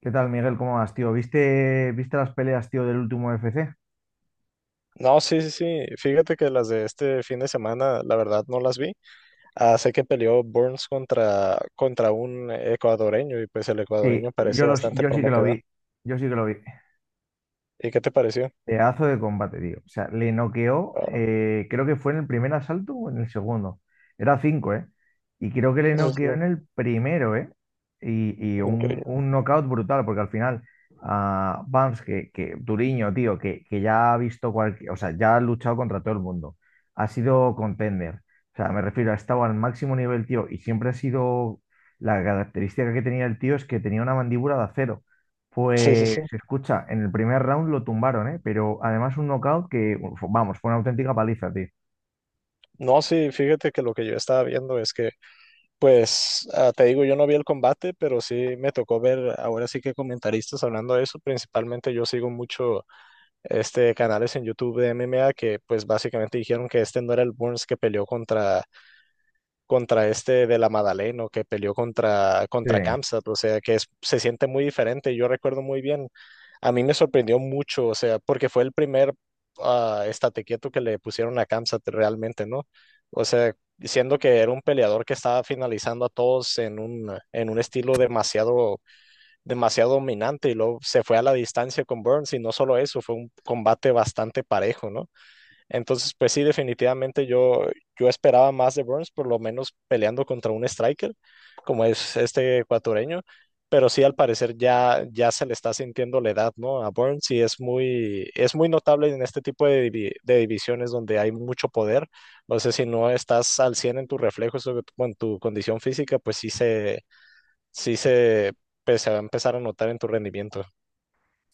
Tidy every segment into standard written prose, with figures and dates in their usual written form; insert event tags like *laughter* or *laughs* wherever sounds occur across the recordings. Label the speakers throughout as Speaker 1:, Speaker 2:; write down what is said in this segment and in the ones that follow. Speaker 1: ¿Qué tal, Miguel? ¿Cómo vas, tío? ¿Viste las peleas, tío, del último UFC?
Speaker 2: No, sí, sí, sí. Fíjate que las de este fin de semana, la verdad, no las vi. Ah, sé que peleó Burns contra un ecuadoreño y pues el ecuadoreño parece bastante
Speaker 1: Yo sí que lo
Speaker 2: prometedor.
Speaker 1: vi. Yo sí que lo vi.
Speaker 2: ¿Y qué te pareció?
Speaker 1: Pedazo de combate, tío. O sea, le noqueó,
Speaker 2: Ah,
Speaker 1: creo que fue en el primer asalto o en el segundo. Era cinco, ¿eh? Y creo que le
Speaker 2: eso es
Speaker 1: noqueó
Speaker 2: lo
Speaker 1: en el primero, ¿eh? Y un,
Speaker 2: increíble.
Speaker 1: un knockout brutal, porque al final, a Bams, que Duriño, tío, que ya ha visto cualquier, o sea, ya ha luchado contra todo el mundo, ha sido contender. O sea, me refiero, ha estado al máximo nivel, tío, y siempre ha sido, la característica que tenía el tío es que tenía una mandíbula de acero.
Speaker 2: Sí, sí,
Speaker 1: Pues
Speaker 2: sí.
Speaker 1: escucha, en el primer round lo tumbaron, ¿eh? Pero además un knockout que, uf, vamos, fue una auténtica paliza, tío.
Speaker 2: No, sí, fíjate que lo que yo estaba viendo es que, pues, te digo, yo no vi el combate, pero sí me tocó ver ahora sí que comentaristas hablando de eso. Principalmente yo sigo mucho este canales en YouTube de MMA que pues básicamente dijeron que este no era el Burns que peleó contra este de la Madaleno que peleó contra,
Speaker 1: Sí.
Speaker 2: contra Kamsat, o sea, se siente muy diferente. Yo recuerdo muy bien, a mí me sorprendió mucho, o sea, porque fue el primer estate quieto que le pusieron a Kamsat realmente, ¿no? O sea, siendo que era un peleador que estaba finalizando a todos en un estilo demasiado, demasiado dominante y luego se fue a la distancia con Burns y no solo eso, fue un combate bastante parejo, ¿no? Entonces, pues sí, definitivamente yo esperaba más de Burns, por lo menos peleando contra un striker, como es este ecuatoriano, pero sí al parecer ya se le está sintiendo la edad, ¿no? A Burns y es muy notable en este tipo de, de divisiones donde hay mucho poder. No sé si no estás al 100 en tus reflejos o con tu condición física, sí se, pues, se va a empezar a notar en tu rendimiento.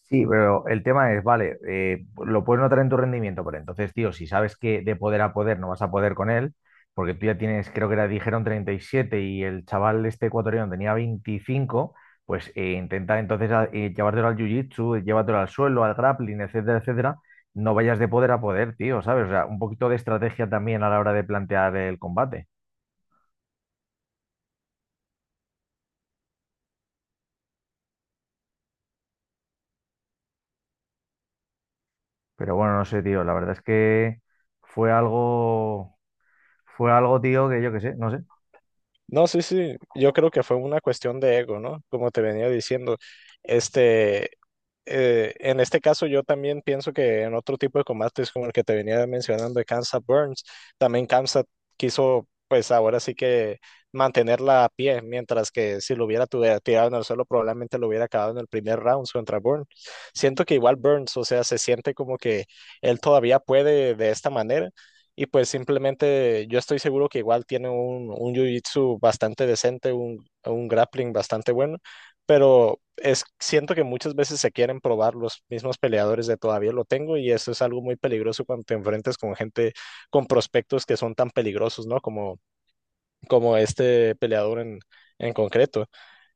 Speaker 1: Sí, pero el tema es, vale, lo puedes notar en tu rendimiento, pero entonces, tío, si sabes que de poder a poder no vas a poder con él, porque tú ya tienes, creo que era, dijeron 37 y el chaval este ecuatoriano tenía 25, pues intenta entonces llevártelo al jiu-jitsu, llévatelo al suelo, al grappling, etcétera, etcétera. No vayas de poder a poder, tío, ¿sabes? O sea, un poquito de estrategia también a la hora de plantear el combate. Pero bueno, no sé, tío. La verdad es que fue algo, fue algo, tío, que yo qué sé, no sé.
Speaker 2: No, sí, sí, yo creo que fue una cuestión de ego, ¿no? Como te venía diciendo, este, en este caso yo también pienso que en otro tipo de combates como el que te venía mencionando de Kansas Burns, también Kansas quiso, pues ahora sí que mantenerla a pie, mientras que si lo hubiera tirado en el suelo probablemente lo hubiera acabado en el primer round contra Burns. Siento que igual Burns, o sea, se siente como que él todavía puede de esta manera y pues simplemente yo estoy seguro que igual tiene un jiu-jitsu bastante decente, un grappling bastante bueno, pero es, siento que muchas veces se quieren probar los mismos peleadores de todavía lo tengo y eso es algo muy peligroso cuando te enfrentas con gente, con prospectos que son tan peligrosos, ¿no? Como este peleador en concreto.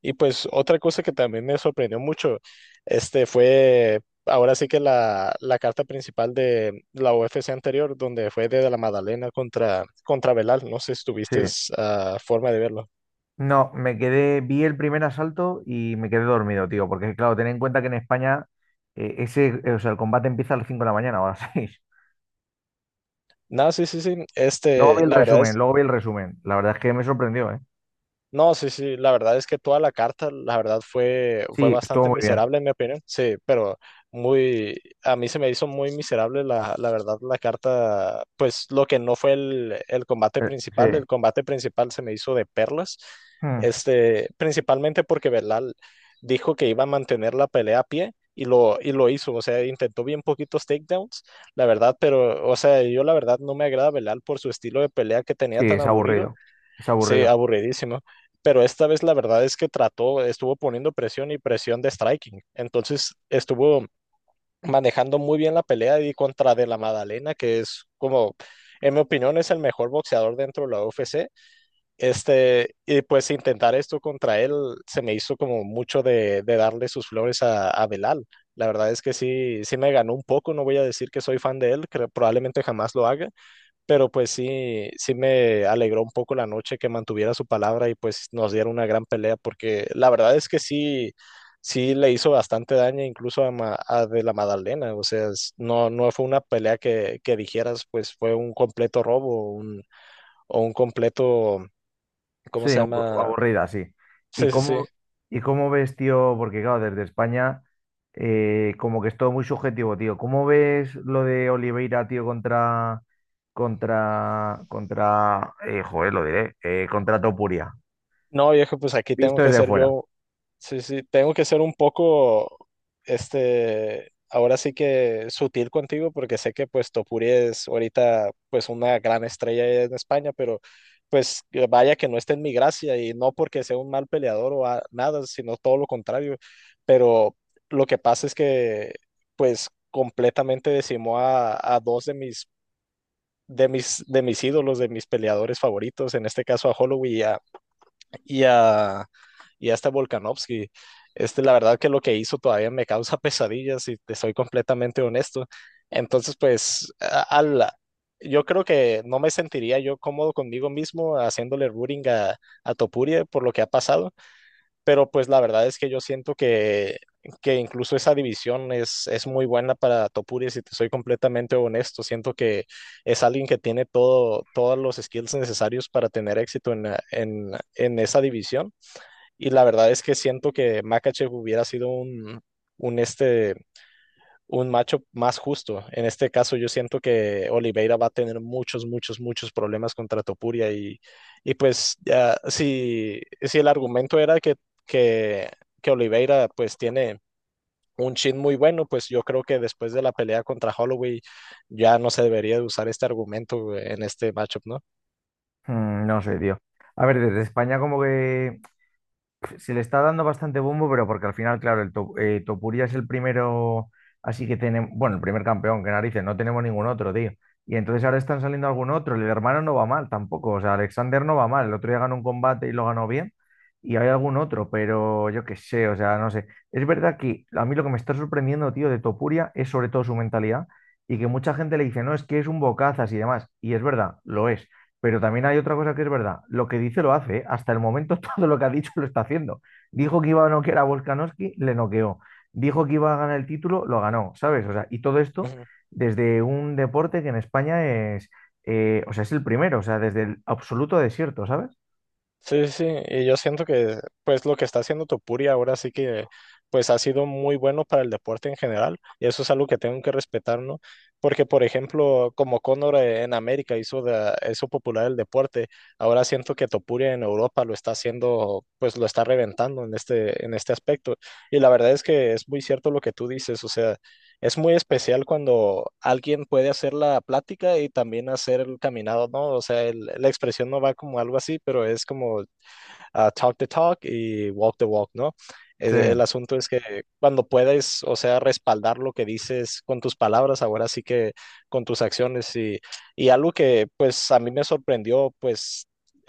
Speaker 2: Y pues otra cosa que también me sorprendió mucho, este fue ahora sí que la carta principal de la UFC anterior, donde fue de la Madalena contra Belal. No sé si
Speaker 1: Sí.
Speaker 2: tuviste forma de verlo.
Speaker 1: No, me quedé, vi el primer asalto y me quedé dormido, tío, porque claro, ten en cuenta que en España o sea, el combate empieza a las 5 de la mañana o a las *laughs* 6.
Speaker 2: No, sí, sí, sí.
Speaker 1: Luego
Speaker 2: Este,
Speaker 1: vi el
Speaker 2: la verdad
Speaker 1: resumen,
Speaker 2: es
Speaker 1: luego vi el resumen. La verdad es que me sorprendió, ¿eh?
Speaker 2: no, sí, sí, la verdad es que toda la carta, la verdad fue
Speaker 1: Sí, estuvo
Speaker 2: bastante
Speaker 1: muy bien.
Speaker 2: miserable en mi opinión, sí, pero muy, a mí se me hizo muy miserable la verdad la carta, pues lo que no fue
Speaker 1: Sí.
Speaker 2: el combate principal se me hizo de perlas,
Speaker 1: Hmm.
Speaker 2: este, principalmente porque Belal dijo que iba a mantener la pelea a pie y lo hizo, o sea, intentó bien poquitos takedowns, la verdad, pero, o sea, yo la verdad no me agrada Belal por su estilo de pelea que tenía
Speaker 1: Sí,
Speaker 2: tan
Speaker 1: es
Speaker 2: aburrido.
Speaker 1: aburrido. Es
Speaker 2: Sí,
Speaker 1: aburrido.
Speaker 2: aburridísimo. Pero esta vez la verdad es que trató, estuvo poniendo presión y presión de striking. Entonces estuvo manejando muy bien la pelea y contra De La Madalena, que es como, en mi opinión, es el mejor boxeador dentro de la UFC. Este, y pues intentar esto contra él se me hizo como mucho de darle sus flores a Belal. La verdad es que sí, sí me ganó un poco. No voy a decir que soy fan de él, que probablemente jamás lo haga, pero pues sí, sí me alegró un poco la noche que mantuviera su palabra y pues nos dieron una gran pelea porque la verdad es que sí, sí le hizo bastante daño incluso a de la Madalena. O sea, no, no fue una pelea que dijeras, pues fue un completo robo un, o un completo, ¿cómo
Speaker 1: Sí,
Speaker 2: se llama?
Speaker 1: aburrida, sí. ¿Y
Speaker 2: Sí, sí, sí.
Speaker 1: cómo, y cómo ves, tío? Porque claro, desde España, como que es todo muy subjetivo, tío. ¿Cómo ves lo de Oliveira, tío, contra, joder, lo diré, contra Topuria?
Speaker 2: No, viejo, pues aquí tengo
Speaker 1: Visto
Speaker 2: que
Speaker 1: desde
Speaker 2: ser
Speaker 1: fuera.
Speaker 2: yo. Sí, sí, tengo que ser un poco, este, ahora sí que sutil contigo porque sé que pues Topuri es ahorita pues una gran estrella en España, pero pues vaya que no está en mi gracia y no porque sea un mal peleador nada, sino todo lo contrario, pero lo que pasa es que pues completamente decimó a dos de mis, de mis ídolos, de mis peleadores favoritos, en este caso a Holloway y a, y a este Volkanovski. Este, la verdad que lo que hizo todavía me causa pesadillas, y te soy completamente honesto. Entonces, yo creo que no me sentiría yo cómodo conmigo mismo haciéndole rooting a Topuria por lo que ha pasado, pero pues la verdad es que yo siento que incluso esa división es muy buena para Topuria, si te soy completamente honesto, siento que es alguien que tiene todo, todos los skills necesarios para tener éxito en esa división y la verdad es que siento que Makachev hubiera sido un este un macho más justo. En este caso, yo siento que Oliveira va a tener muchos, muchos, muchos problemas contra Topuria y pues ya, si el argumento era que, que Oliveira pues tiene un chin muy bueno, pues yo creo que después de la pelea contra Holloway ya no se debería de usar este argumento en este matchup, ¿no?
Speaker 1: Mm, no sé, tío. A ver, desde España como que se le está dando bastante bombo, pero porque al final, claro, Topuria es el primero, así que tenemos, bueno, el primer campeón, que narices, no tenemos ningún otro, tío. Y entonces ahora están saliendo algún otro, el hermano no va mal tampoco, o sea, Alexander no va mal, el otro día ganó un combate y lo ganó bien, y hay algún otro, pero yo qué sé, o sea, no sé. Es verdad que a mí lo que me está sorprendiendo, tío, de Topuria es sobre todo su mentalidad y que mucha gente le dice, no, es que es un bocazas y demás, y es verdad, lo es. Pero también hay otra cosa que es verdad. Lo que dice lo hace. ¿Eh? Hasta el momento *laughs* todo lo que ha dicho lo está haciendo. Dijo que iba a noquear a Volkanovski, le noqueó. Dijo que iba a ganar el título, lo ganó, ¿sabes? O sea, y todo esto
Speaker 2: Ujú.
Speaker 1: desde un deporte que en España es, o sea, es el primero, o sea, desde el absoluto desierto, ¿sabes?
Speaker 2: Sí, sí, sí, y yo siento que pues lo que está haciendo Topuria ahora sí que pues ha sido muy bueno para el deporte en general y eso es algo que tengo que respetar, ¿no? Porque por ejemplo, como Conor en América hizo de, eso popular el deporte, ahora siento que Topuria en Europa lo está haciendo, pues lo está reventando en este aspecto y la verdad es que es muy cierto lo que tú dices, o sea, es muy especial cuando alguien puede hacer la plática y también hacer el caminado, ¿no? O sea, la expresión no va como algo así, pero es como ah, talk the talk y walk the walk, ¿no?
Speaker 1: Sí,
Speaker 2: El asunto es que cuando puedes, o sea, respaldar lo que dices con tus palabras, ahora sí que con tus acciones y algo que pues a mí me sorprendió, pues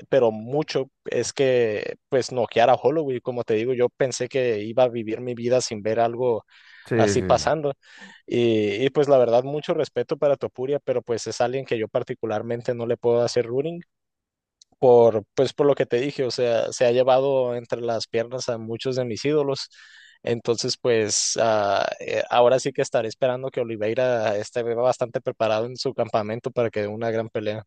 Speaker 2: pero mucho es que pues noquear a Holloway, como te digo, yo pensé que iba a vivir mi vida sin ver algo
Speaker 1: sí,
Speaker 2: así
Speaker 1: sí.
Speaker 2: pasando. Pues la verdad, mucho respeto para Topuria, pero pues es alguien que yo particularmente no le puedo hacer ruling por, pues por lo que te dije, o sea, se ha llevado entre las piernas a muchos de mis ídolos. Entonces, ahora sí que estaré esperando que Oliveira esté bastante preparado en su campamento para que dé una gran pelea.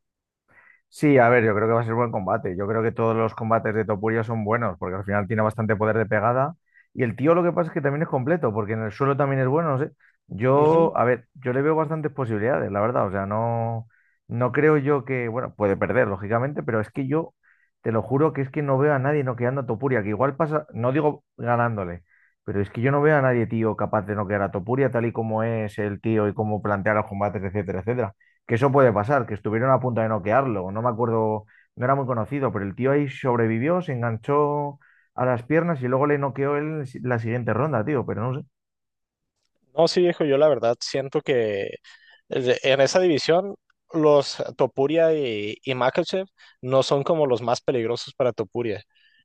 Speaker 1: Sí, a ver, yo creo que va a ser buen combate. Yo creo que todos los combates de Topuria son buenos, porque al final tiene bastante poder de pegada. Y el tío lo que pasa es que también es completo, porque en el suelo también es bueno. No sé. Yo,
Speaker 2: Ujú.
Speaker 1: a ver, yo le veo bastantes posibilidades, la verdad. O sea, no, no creo yo que, bueno, puede perder, lógicamente, pero es que yo te lo juro que es que no veo a nadie noqueando a Topuria, que igual pasa, no digo ganándole, pero es que yo no veo a nadie, tío, capaz de noquear a Topuria tal y como es el tío y cómo plantea los combates, etcétera, etcétera, que eso puede pasar, que estuvieron a punto de noquearlo. No me acuerdo, no era muy conocido, pero el tío ahí sobrevivió, se enganchó a las piernas y luego le noqueó él la siguiente ronda, tío, pero no sé.
Speaker 2: No, sí, viejo, yo la verdad siento que en esa división los Topuria y Makachev no son como los más peligrosos para Topuria.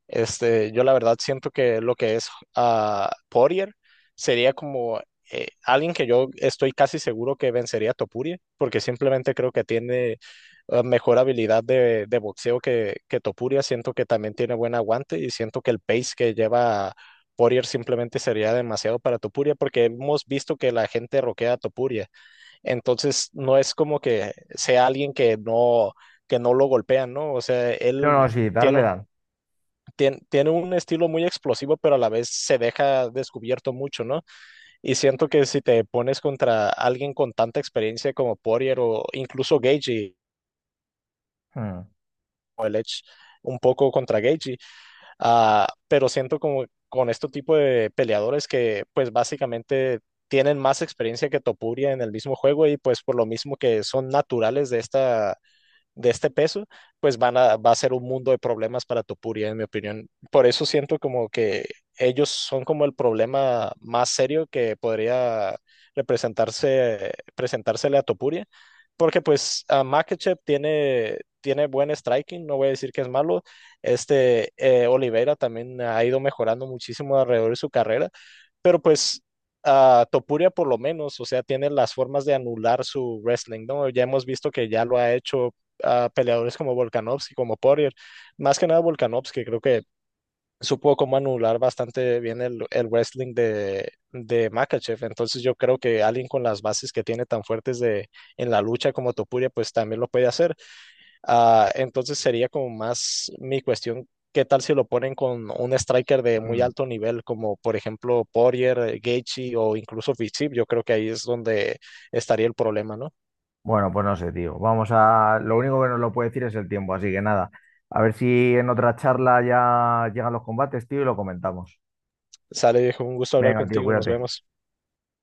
Speaker 2: Este, yo la verdad siento que lo que es Poirier sería como alguien que yo estoy casi seguro que vencería a Topuria, porque simplemente creo que tiene mejor habilidad de boxeo que Topuria. Siento que también tiene buen aguante y siento que el pace que lleva Poirier simplemente sería demasiado para Topuria porque hemos visto que la gente roquea a Topuria. Entonces no es como que sea alguien que no lo golpean, ¿no? O sea,
Speaker 1: No,
Speaker 2: él
Speaker 1: no, sí, darle
Speaker 2: tiene,
Speaker 1: dan.
Speaker 2: tiene un estilo muy explosivo, pero a la vez se deja descubierto mucho, ¿no? Y siento que si te pones contra alguien con tanta experiencia como Poirier o incluso Gagey
Speaker 1: Hmm,
Speaker 2: o el Edge, un poco contra Gagey, ah, pero siento como con este tipo de peleadores que pues básicamente tienen más experiencia que Topuria en el mismo juego y pues por lo mismo que son naturales de esta de este peso, pues van a, va a ser un mundo de problemas para Topuria, en mi opinión. Por eso siento como que ellos son como el problema más serio que podría representarse, presentársele a Topuria, porque pues a Makachev tiene, tiene buen striking, no voy a decir que es malo, Oliveira también ha ido mejorando muchísimo alrededor de su carrera. Pero pues Topuria por lo menos, o sea, tiene las formas de anular su wrestling, ¿no? Ya hemos visto que ya lo ha hecho peleadores como Volkanovski, como Poirier, más que nada Volkanovski, creo que supo cómo anular bastante bien el wrestling de Makhachev. Entonces yo creo que alguien con las bases que tiene tan fuertes de, en la lucha como Topuria, pues también lo puede hacer. Ah, entonces sería como más mi cuestión, ¿qué tal si lo ponen con un striker de muy
Speaker 1: hmm.
Speaker 2: alto nivel, como por ejemplo Poirier, Gaethje o incluso Fitsip? Yo creo que ahí es donde estaría el problema, ¿no?
Speaker 1: Bueno, pues no sé, tío. Vamos a. Lo único que nos lo puede decir es el tiempo, así que nada. A ver si en otra charla ya llegan los combates, tío, y lo comentamos.
Speaker 2: Sale, viejo, un gusto hablar
Speaker 1: Venga, tío,
Speaker 2: contigo, nos
Speaker 1: cuídate.
Speaker 2: vemos.